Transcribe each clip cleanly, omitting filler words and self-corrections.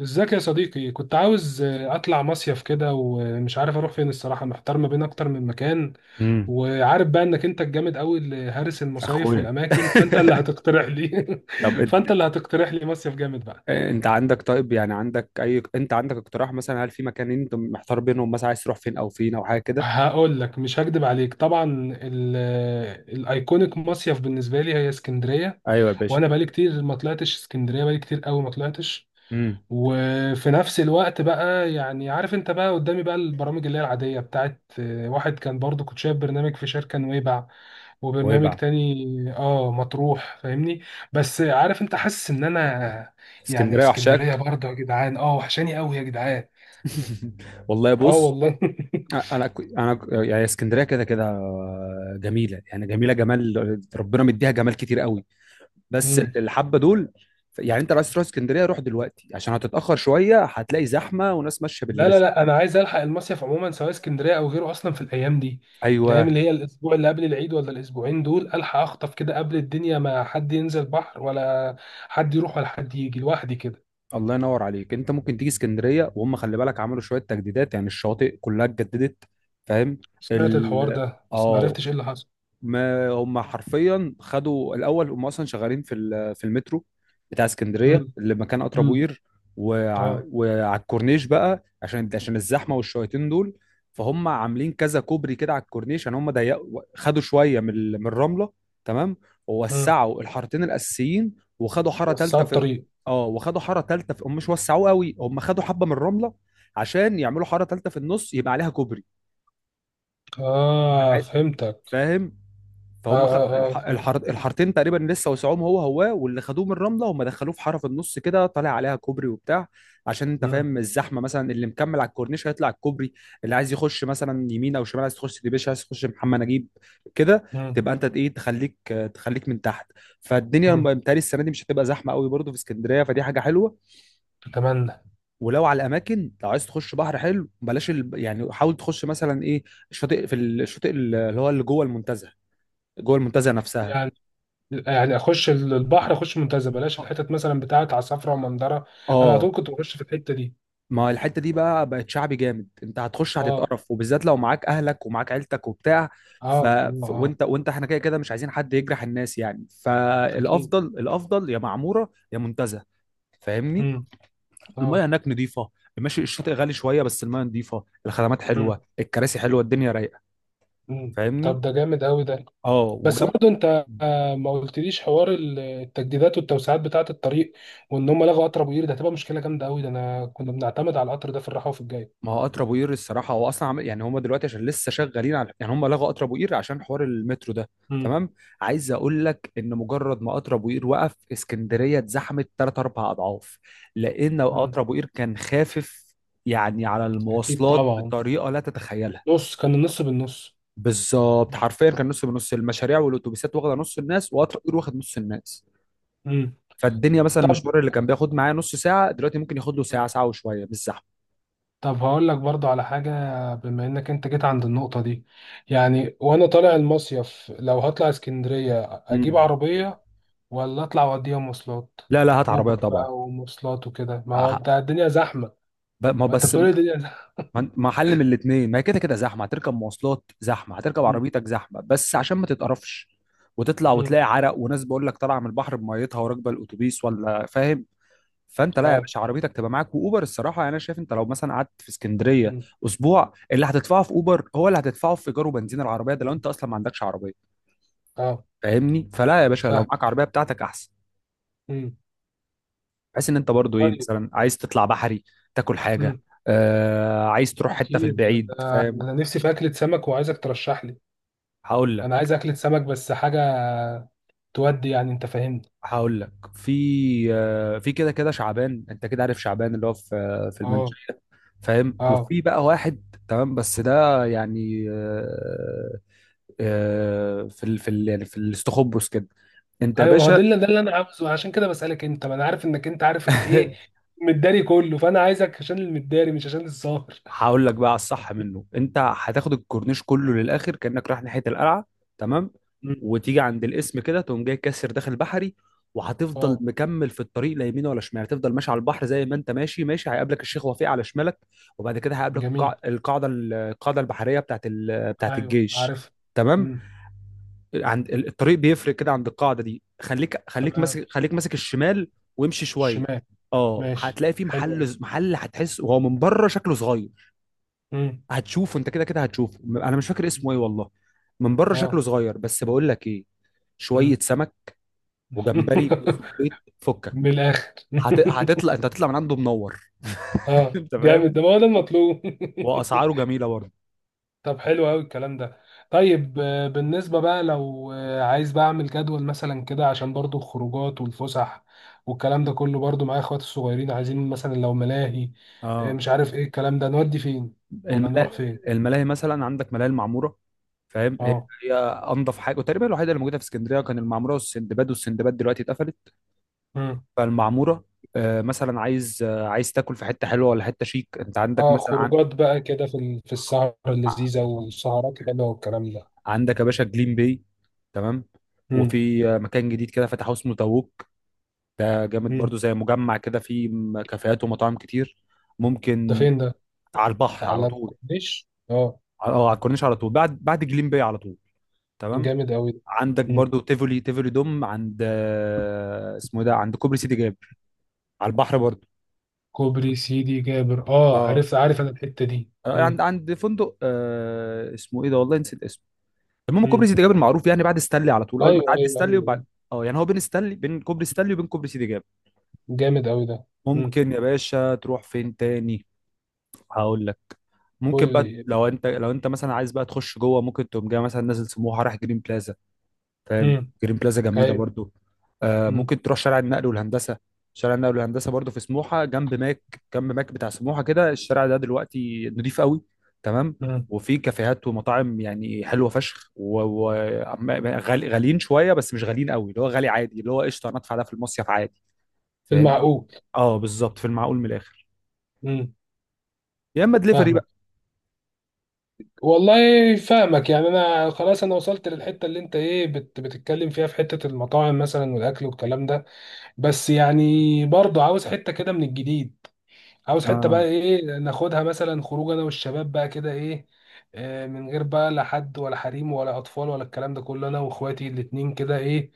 ازيك يا صديقي؟ كنت عاوز اطلع مصيف كده، ومش عارف اروح فين. الصراحه محتار ما بين اكتر من مكان. امم وعارف بقى انك انت الجامد قوي اللي هارس المصايف اخويا. والاماكن، فانت اللي هتقترح لي طب انت فانت اللي هتقترح لي مصيف جامد بقى. انت عندك، طيب يعني عندك اي انت عندك اقتراح؟ مثلا هل في مكانين انت محتار بينهم؟ مثلا عايز تروح فين او فين او حاجه كده؟ هقول لك مش هكدب عليك طبعا. ال- الايكونيك مصيف بالنسبه لي هي اسكندريه. ايوه يا باشا. وانا بقالي كتير ما طلعتش اسكندريه، بقالي كتير قوي ما طلعتش. امم. وفي نفس الوقت بقى يعني عارف انت بقى قدامي بقى البرامج اللي هي العادية بتاعت واحد، كان برضو كنت شايف برنامج في شركة نويبع، وبرنامج نويبع. تاني اه مطروح، فاهمني؟ بس عارف انت حاسس ان انا يعني اسكندريه اسكندرية وحشاك. برضو يا جدعان، اه وحشاني قوي يا جدعان. والله اه بص، والله. يعني اسكندريه كده كده جميله، يعني جميله، جمال ربنا مديها جمال كتير قوي. بس مم. الحبه دول، يعني انت لو عايز تروح اسكندريه روح دلوقتي عشان هتتاخر شويه، هتلاقي زحمه وناس ماشيه لا لا باللبس. لا، انا عايز الحق المصيف عموما سواء اسكندريه او غيره، اصلا في الايام دي، الايام ايوه. اللي هي الاسبوع اللي قبل العيد ولا الاسبوعين دول، الحق اخطف كده قبل الدنيا ما حد ينزل بحر ولا حد يروح ولا حد يجي، لوحدي كده. الله ينور عليك. انت ممكن تيجي اسكندريه، وهم خلي بالك عملوا شويه تجديدات، يعني الشواطئ كلها اتجددت. فاهم؟ سمعت الحوار ال ده بس ما اه عرفتش ايه اللي حصل. ما هم حرفيا خدوا الاول، هم اصلا شغالين في في المترو بتاع امم. اسكندريه اللي مكان قطر ابو امم. قير. اه. وعلى الكورنيش بقى، عشان الزحمه والشويتين دول. فهم عاملين كذا كوبري كده على الكورنيش، يعني هم ضيقوا، خدوا شويه من الرمله. تمام. امم. ووسعوا الحارتين الاساسيين وخدوا حاره وسعوا ثالثه في الطريق. اه وخدوا حاره ثالثه في. هم مش وسعوه قوي، هم خدوا حبه من الرمله عشان يعملوا حاره ثالثه في النص يبقى عليها كوبري. اه، فهمتك. فاهم؟ اه فهم اه اه، فهمت. الحارتين تقريبا لسه وسعوهم هو هو، واللي خدوه من الرمله هم دخلوه في حاره في النص كده طالع عليها كوبري وبتاع. عشان انت امم. فاهم الزحمه مثلا، اللي مكمل على الكورنيش هيطلع الكوبري، اللي عايز يخش مثلا يمين او شمال، عايز تخش ديبيش، عايز تخش محمد نجيب كده امم. تبقى انت ايه؟ تخليك من تحت. فالدنيا امم. متهيألي السنه دي مش هتبقى زحمه قوي برضه في اسكندريه، فدي حاجه حلوه. اتمنى. ولو على الاماكن، لو عايز تخش بحر حلو، بلاش يعني حاول تخش مثلا ايه، الشاطئ، في الشاطئ اللي هو اللي جوه المنتزه، جوه المنتزه نفسها. يعني يعني اخش البحر، اخش منتزه، بلاش الحتت مثلا بتاعت عصافره ومندره. انا على اه، طول كنت بخش في الحته دي. ما الحته دي بقى بقت شعبي جامد، انت هتخش اه. هتتقرف، وبالذات لو معاك اهلك ومعاك عيلتك وبتاع. اه. ف... اه. ف... وانت وانت احنا كده كده مش عايزين حد يجرح الناس يعني، اكيد. فالافضل، الافضل يا معموره يا منتزه. فاهمني؟ امم. اه. المياه هناك نظيفه، ماشي الشاطئ غالي شويه بس المياه نظيفه، الخدمات حلوه، امم. الكراسي حلوه، الدنيا رايقه. امم، طب فاهمني؟ ده جامد قوي ده. اه بس وجنب، برضه انت ما قلتليش حوار التجديدات والتوسعات بتاعه الطريق، وان هم لغوا قطر ابو قير، ده هتبقى مشكله جامده قوي ده، انا كنا بنعتمد على القطر ده في الراحه وفي الجاي. ما هو قطر ابو قير الصراحه هو اصلا عمل يعني، هم دلوقتي عشان لسه شغالين على، يعني هم لغوا قطر ابو قير عشان حوار المترو ده. مم. تمام. عايز اقول لك ان مجرد ما قطر ابو قير وقف، اسكندريه اتزحمت ثلاث اربع اضعاف، لان مم. قطر ابو قير كان خافف، يعني على أكيد المواصلات طبعا. بطريقه لا تتخيلها. نص، كان النص بالنص. بالظبط، حرفيا كان نص بنص، المشاريع والاتوبيسات واخده نص الناس، وقطر ابو قير واخد نص الناس. مم. فالدنيا مثلا طب. المشوار اللي كان بياخد معايا نص ساعه، دلوقتي ممكن ياخد له ساعه، مم. ساعه وشويه بالزحمه. طب هقول لك برضو على حاجة، بما انك انت جيت عند النقطة دي، يعني وانا طالع المصيف، لو هطلع اسكندرية اجيب مم. عربية، ولا اطلع واوديها مواصلات؟ لا لا، هات عربيه اوبر طبعا. بقى ومواصلات وكده، ما هو أه، انت الدنيا زحمه. ما ما انت بس، بتقولي الدنيا زحمه. ما حل من الاثنين، ما هي كده كده زحمه، هتركب مواصلات زحمه، هتركب مم. عربيتك زحمه، بس عشان ما تتقرفش وتطلع مم. وتلاقي عرق وناس بقول لك طالعه من البحر بميتها وراكبه الاتوبيس، ولا فاهم؟ فانت لا يا اه. باشا، عربيتك تبقى معاك واوبر. الصراحه يعني انا شايف انت لو مثلا قعدت في اسكندريه مم. اسبوع، اللي هتدفعه في اوبر هو اللي هتدفعه في ايجار وبنزين العربيه، ده لو مم. انت اصلا ما عندكش عربيه. اه، فاهمني؟ فلا يا باشا، لو فاهم. معاك عربيه بتاعتك احسن، مم. بحيث ان انت برضو ايه، طيب. مثلا عايز تطلع بحري تاكل حاجه، مم. آه عايز تروح حته في اكيد، البعيد، انا فاهم؟ انا نفسي في اكله سمك، وعايزك ترشح لي. هقول لك انا عايز اكله سمك بس حاجه تودي، يعني انت فاهمني. هقول لك في كده كده شعبان، انت كده عارف شعبان اللي هو في اه. المنشية. فاهم؟ اه، وفي بقى واحد تمام، بس ده يعني، آه، آه، في ال في ال يعني في الاستخبص كده، انت يا ايوه، ما هو باشا. ده اللي انا عاوزه، عشان كده بسالك، انت ما انا عارف انك انت عارف الايه المداري كله، فانا عايزك عشان المداري مش عشان الظاهر. هقول لك بقى على الصح منه. انت هتاخد الكورنيش كله للاخر كانك رايح ناحيه القلعه. تمام. مم. وتيجي عند الاسم كده تقوم جاي كاسر داخل بحري، وهتفضل اه. مكمل في الطريق لا يمين ولا شمال، هتفضل ماشي على البحر زي ما انت ماشي. ماشي، هيقابلك الشيخ وفيق على شمالك، وبعد كده هيقابلك جميل. القاعده البحريه بتاعت ايوه الجيش. عارف. تمام. امم. عند الطريق بيفرق كده عند القاعده دي، خليك، خليك تمام. ماسك خليك ماسك الشمال، وامشي شويه. الشمال. اه، ماشي هتلاقي في حلو أوي. محل، محل هتحس وهو من بره شكله صغير، امم. هتشوفه انت كده كده هتشوفه. انا مش فاكر اسمه ايه والله، من بره شكله اه. صغير بس. بقول لك ايه، شويه امم. سمك وجمبري وصبيط، من فكك. الاخر. هت... هتطلع انت هتطلع من عنده منور. اه انت فاهم؟ جامد ده، ما هو ده المطلوب. واسعاره جميله برضه. طب حلو قوي الكلام ده. طيب بالنسبة بقى، لو عايز بقى اعمل جدول مثلا كده عشان برضو الخروجات والفسح والكلام ده كله، برضو معايا اخواتي الصغيرين، عايزين مثلا لو ملاهي اه، مش عارف ايه الكلام ده، نودي فين ولا نروح الملاهي، فين. الملاهي مثلا عندك ملاهي المعموره، فاهم؟ هي انضف حاجه وتقريبا الوحيده اللي موجوده في اسكندريه، كان المعموره والسندباد، والسندباد دلوقتي اتقفلت. اه. فالمعموره، مثلا عايز تاكل في حته حلوه ولا حته شيك، انت عندك اه، مثلا خروجات بقى كده في في السهرة اللذيذة والسهرات الحلوة والكلام ده. عندك يا باشا جليم باي. تمام. مم. وفي مكان جديد كده فتحوه اسمه تاووك، ده جامد مم. برضو، زي مجمع كده فيه كافيهات ومطاعم كتير، ده ممكن. فين ده؟ على البحر على على طول. الكورنيش؟ اه. اه، على الكورنيش على طول بعد جليم باي على طول. تمام. جامد أوي ده. عندك مم. برضو تيفولي، تيفولي دوم عند اسمه إيه ده، عند كوبري سيدي جابر، على البحر برضو. كوبري سيدي جابر، اه اه. عارف عارف أنا الحتة دي. آه، مم. عند عند فندق اسمه ايه ده والله نسيت اسمه، المهم كوبري مم. سيدي جابر معروف يعني بعد ستانلي على طول، أيوه اول ما تعدي أيوه ستانلي أيوه. وبعد، اه، يعني هو بين كوبري ستانلي وبين كوبري سيدي جابر. جامد أوي ده. مم. ممكن يا باشا تروح فين تاني، هقول لك. ممكن قول بقى، لي. لو انت مثلا عايز بقى تخش جوه، ممكن تقوم جاي مثلا نازل سموحه رايح جرين بلازا، فاهم؟ مم. جرين بلازا جميله أيوه. برضو. آه مم. ممكن تروح شارع النقل والهندسه، شارع النقل والهندسه برضو في سموحه، جنب ماك، جنب ماك بتاع سموحه كده، الشارع ده دلوقتي نضيف قوي. تمام. مم. وفي كافيهات ومطاعم يعني حلوه فشخ، وغاليين شويه بس مش غاليين قوي، اللي هو غالي عادي، اللي هو قشطه انا ادفع ده في المصيف عادي. فاهمني؟ المعقول. اه، بالظبط، في المعقول من الاخر، مم. يا اما دليفري فاهمك. بقى. والله فاهمك يعني، أنا خلاص أنا وصلت للحتة اللي أنت إيه بتتكلم فيها، في حتة المطاعم مثلا والأكل والكلام ده. بس يعني برضه عاوز حتة كده من الجديد، عاوز حتة بقى اه، ايه ناخدها مثلا خروج انا والشباب بقى كده ايه، من غير بقى لا حد ولا حريم ولا اطفال ولا الكلام ده كله، انا واخواتي الاتنين كده ايه،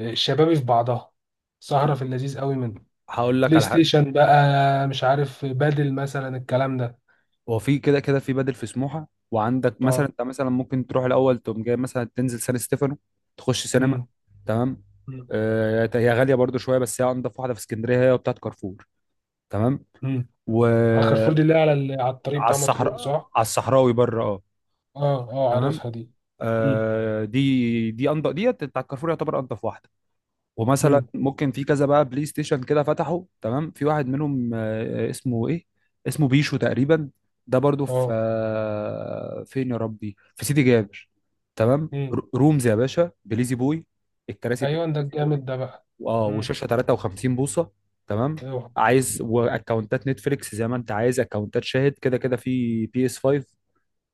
شبابي في بعضها، سهرة في اللذيذ قوي منه. هقول لك بلاي على حاجه. ستيشن بقى، مش عارف بدل مثلا الكلام ده. هو في كده كده في بدل في سموحه، وعندك مثلا اه. انت مثلا ممكن تروح الاول تقوم جاي مثلا تنزل سان ستيفانو، تخش سينما. امم. تمام. امم. هي غاليه برضو شويه، بس هي انضف واحده في اسكندريه، هي بتاعت كارفور. تمام. أمم. على كارفور وعلى دي اللي هي على على الطريق بتاع مطروح الصحراء صح؟ على الصحراوي بره، اه. اه اه تمام. عارفها دي. امم. دي انضف، ديت بتاعت كارفور، يعتبر انضف واحده. ومثلا امم. ممكن في كذا بقى بلاي ستيشن كده فتحوا تمام، في واحد منهم، اسمه ايه، اسمه بيشو تقريبا، ده برضو في اه. فين يا ربي، في سيدي جابر. تمام. امم. رومز يا باشا، بليزي بوي. الكراسي بتاعت ايوه ده بليزي بوي، الجامد ده بقى. اه، وشاشه 53 بوصه. تمام. ايوه. عايز واكونتات نتفليكس زي ما انت عايز، اكونتات شاهد كده كده في بي اس 5.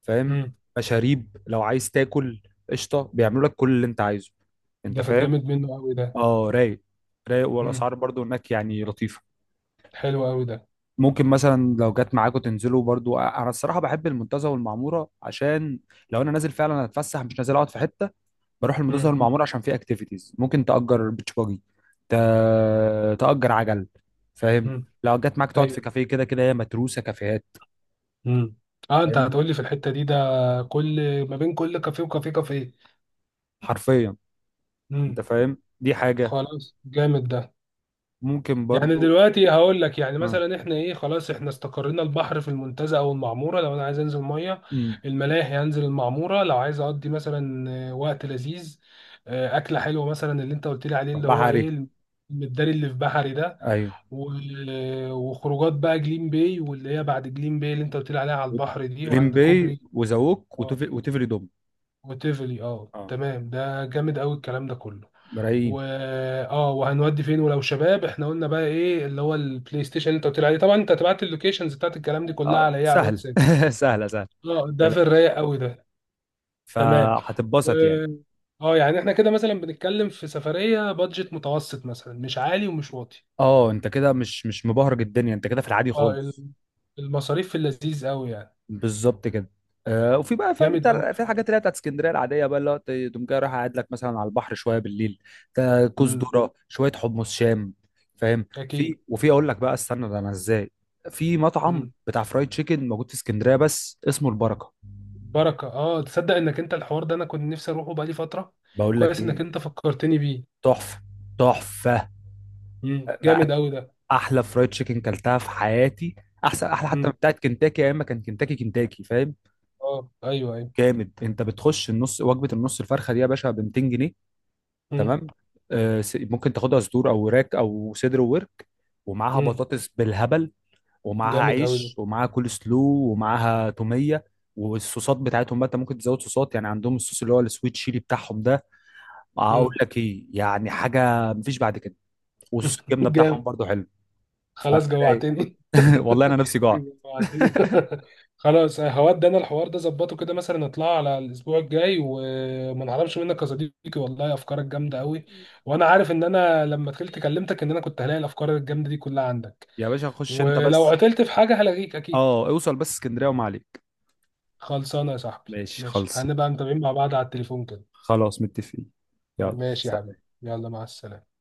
فاهم؟ امم. مشاريب، لو عايز تاكل قشطه بيعملوا لك كل اللي انت عايزه. انت ده في فاهم؟ الجامد منه قوي ده. اه، رايق، رايق، امم. والاسعار برضو هناك يعني لطيفه. حلو قوي ده. ممكن مثلا لو جت معاكم تنزلوا برضو، انا الصراحه بحب المنتزه والمعموره عشان لو انا نازل فعلا اتفسح مش نازل اقعد في حته، بروح المنتزه امم. والمعموره عشان في اكتيفيتيز، ممكن تاجر بيتش باجي، ت... تاجر عجل، فاهم؟ امم. لو جت معاك تقعد في ايوه. كافيه، كده كده هي متروسه كافيهات، امم. اه، انت فاهم؟ هتقول لي في الحته دي ده كل ما بين كل كافيه وكافيه كافيه. حرفيا. امم. انت فاهم، دي حاجه، خلاص جامد ده. ممكن يعني برضو. دلوقتي هقول لك، يعني اه. مثلا احنا ايه، خلاص احنا استقرينا البحر في المنتزه او المعموره. لو انا عايز انزل ميه امم. الملاهي، هنزل المعموره. لو عايز اقضي مثلا وقت لذيذ، اكله حلوه مثلا اللي انت قلت لي عليه اللي هو بحري. ايه، المداري اللي في بحري ده. ايوه، و- وخروجات بقى جليم باي واللي هي بعد جليم باي اللي انت قلت لي عليها على البحر دي، جليم وعند باي كوبري. وزووك اه. وتفري دوم. وتيفلي، اه اه، تمام، ده جامد قوي الكلام ده كله. ملايين. و اه وهنودي فين، ولو شباب احنا قلنا بقى ايه اللي هو البلاي ستيشن اللي انت قلت لي عليه. طبعا انت هتبعت لي اللوكيشنز بتاعت الكلام دي كلها آه، على ايه، على سهل. الواتساب. سهله سهله. اه ما ده في تقلقش، الرايق قوي ده. تمام. و فهتتبسط يعني. اه يعني احنا كده مثلا بنتكلم في سفرية بادجت متوسط، مثلا مش عالي ومش واطي. اه، انت كده مش، مش مبهرج الدنيا، انت كده في العادي اه. خالص. المصاريف في اللذيذ قوي يعني. بالظبط كده. آه، وفي بقى فاهم جامد انت، قوي. في الحاجات اللي هي بتاعت اسكندريه العاديه بقى، اللي هو تقوم جاي رايح قاعد لك مثلا على البحر شويه بالليل، كوز امم. ذره، شويه حمص شام، فاهم؟ اكيد. في، وفي اقول لك بقى، استنى ده انا ازاي، في مطعم امم. بتاع فرايد تشيكن موجود في اسكندريه بس اسمه البركه. بركه، اه تصدق انك انت الحوار ده انا كنت نفسي اروحه بقالي فتره؟ بقول لك كويس انك ايه، انت فكرتني بيه. تحفه، تحفه، امم. جامد قوي ده. احلى فرايد تشيكن كلتها في حياتي، احسن، احلى حتى من امم. بتاعه كنتاكي، يا اما كان كنتاكي كنتاكي، فاهم؟ اه ايوه ايوه. جامد. انت بتخش النص وجبه، النص الفرخه دي يا باشا ب 200 جنيه. امم. تمام. ممكن تاخدها صدور او وراك او صدر وورك، ومعاها امم. بطاطس بالهبل، ومعاها جامد قوي ده. عيش، ومعاها كول سلو، ومعاها توميه. والصوصات بتاعتهم بقى انت ممكن تزود صوصات، يعني عندهم الصوص اللي هو السويت تشيلي بتاعهم ده، اقول امم. لك ايه؟ يعني حاجه مفيش بعد كده. وصوص الجبنه بتاعهم جامد. برضو حلو. خلاص جوعتني. والله انا نفسي جوعت. جوعتني. خلاص هودي انا الحوار ده، ظبطه كده مثلا نطلع على الاسبوع الجاي وما نعرفش منك يا صديقي. والله افكارك جامده قوي، وانا عارف ان انا لما دخلت كلمتك ان انا كنت هلاقي الافكار الجامده دي كلها عندك. يا باشا خش انت ولو بس، قتلت في حاجة هلاقيك أكيد. اه، اوصل بس اسكندريه وما عليك. خلصانة يا صاحبي. ماشي، ماشي، خلص. هنبقى متابعين مع بعض على التليفون كده. خلاص متفقين. يلا ماشي يا حبيبي. سلام. يلا مع السلامة.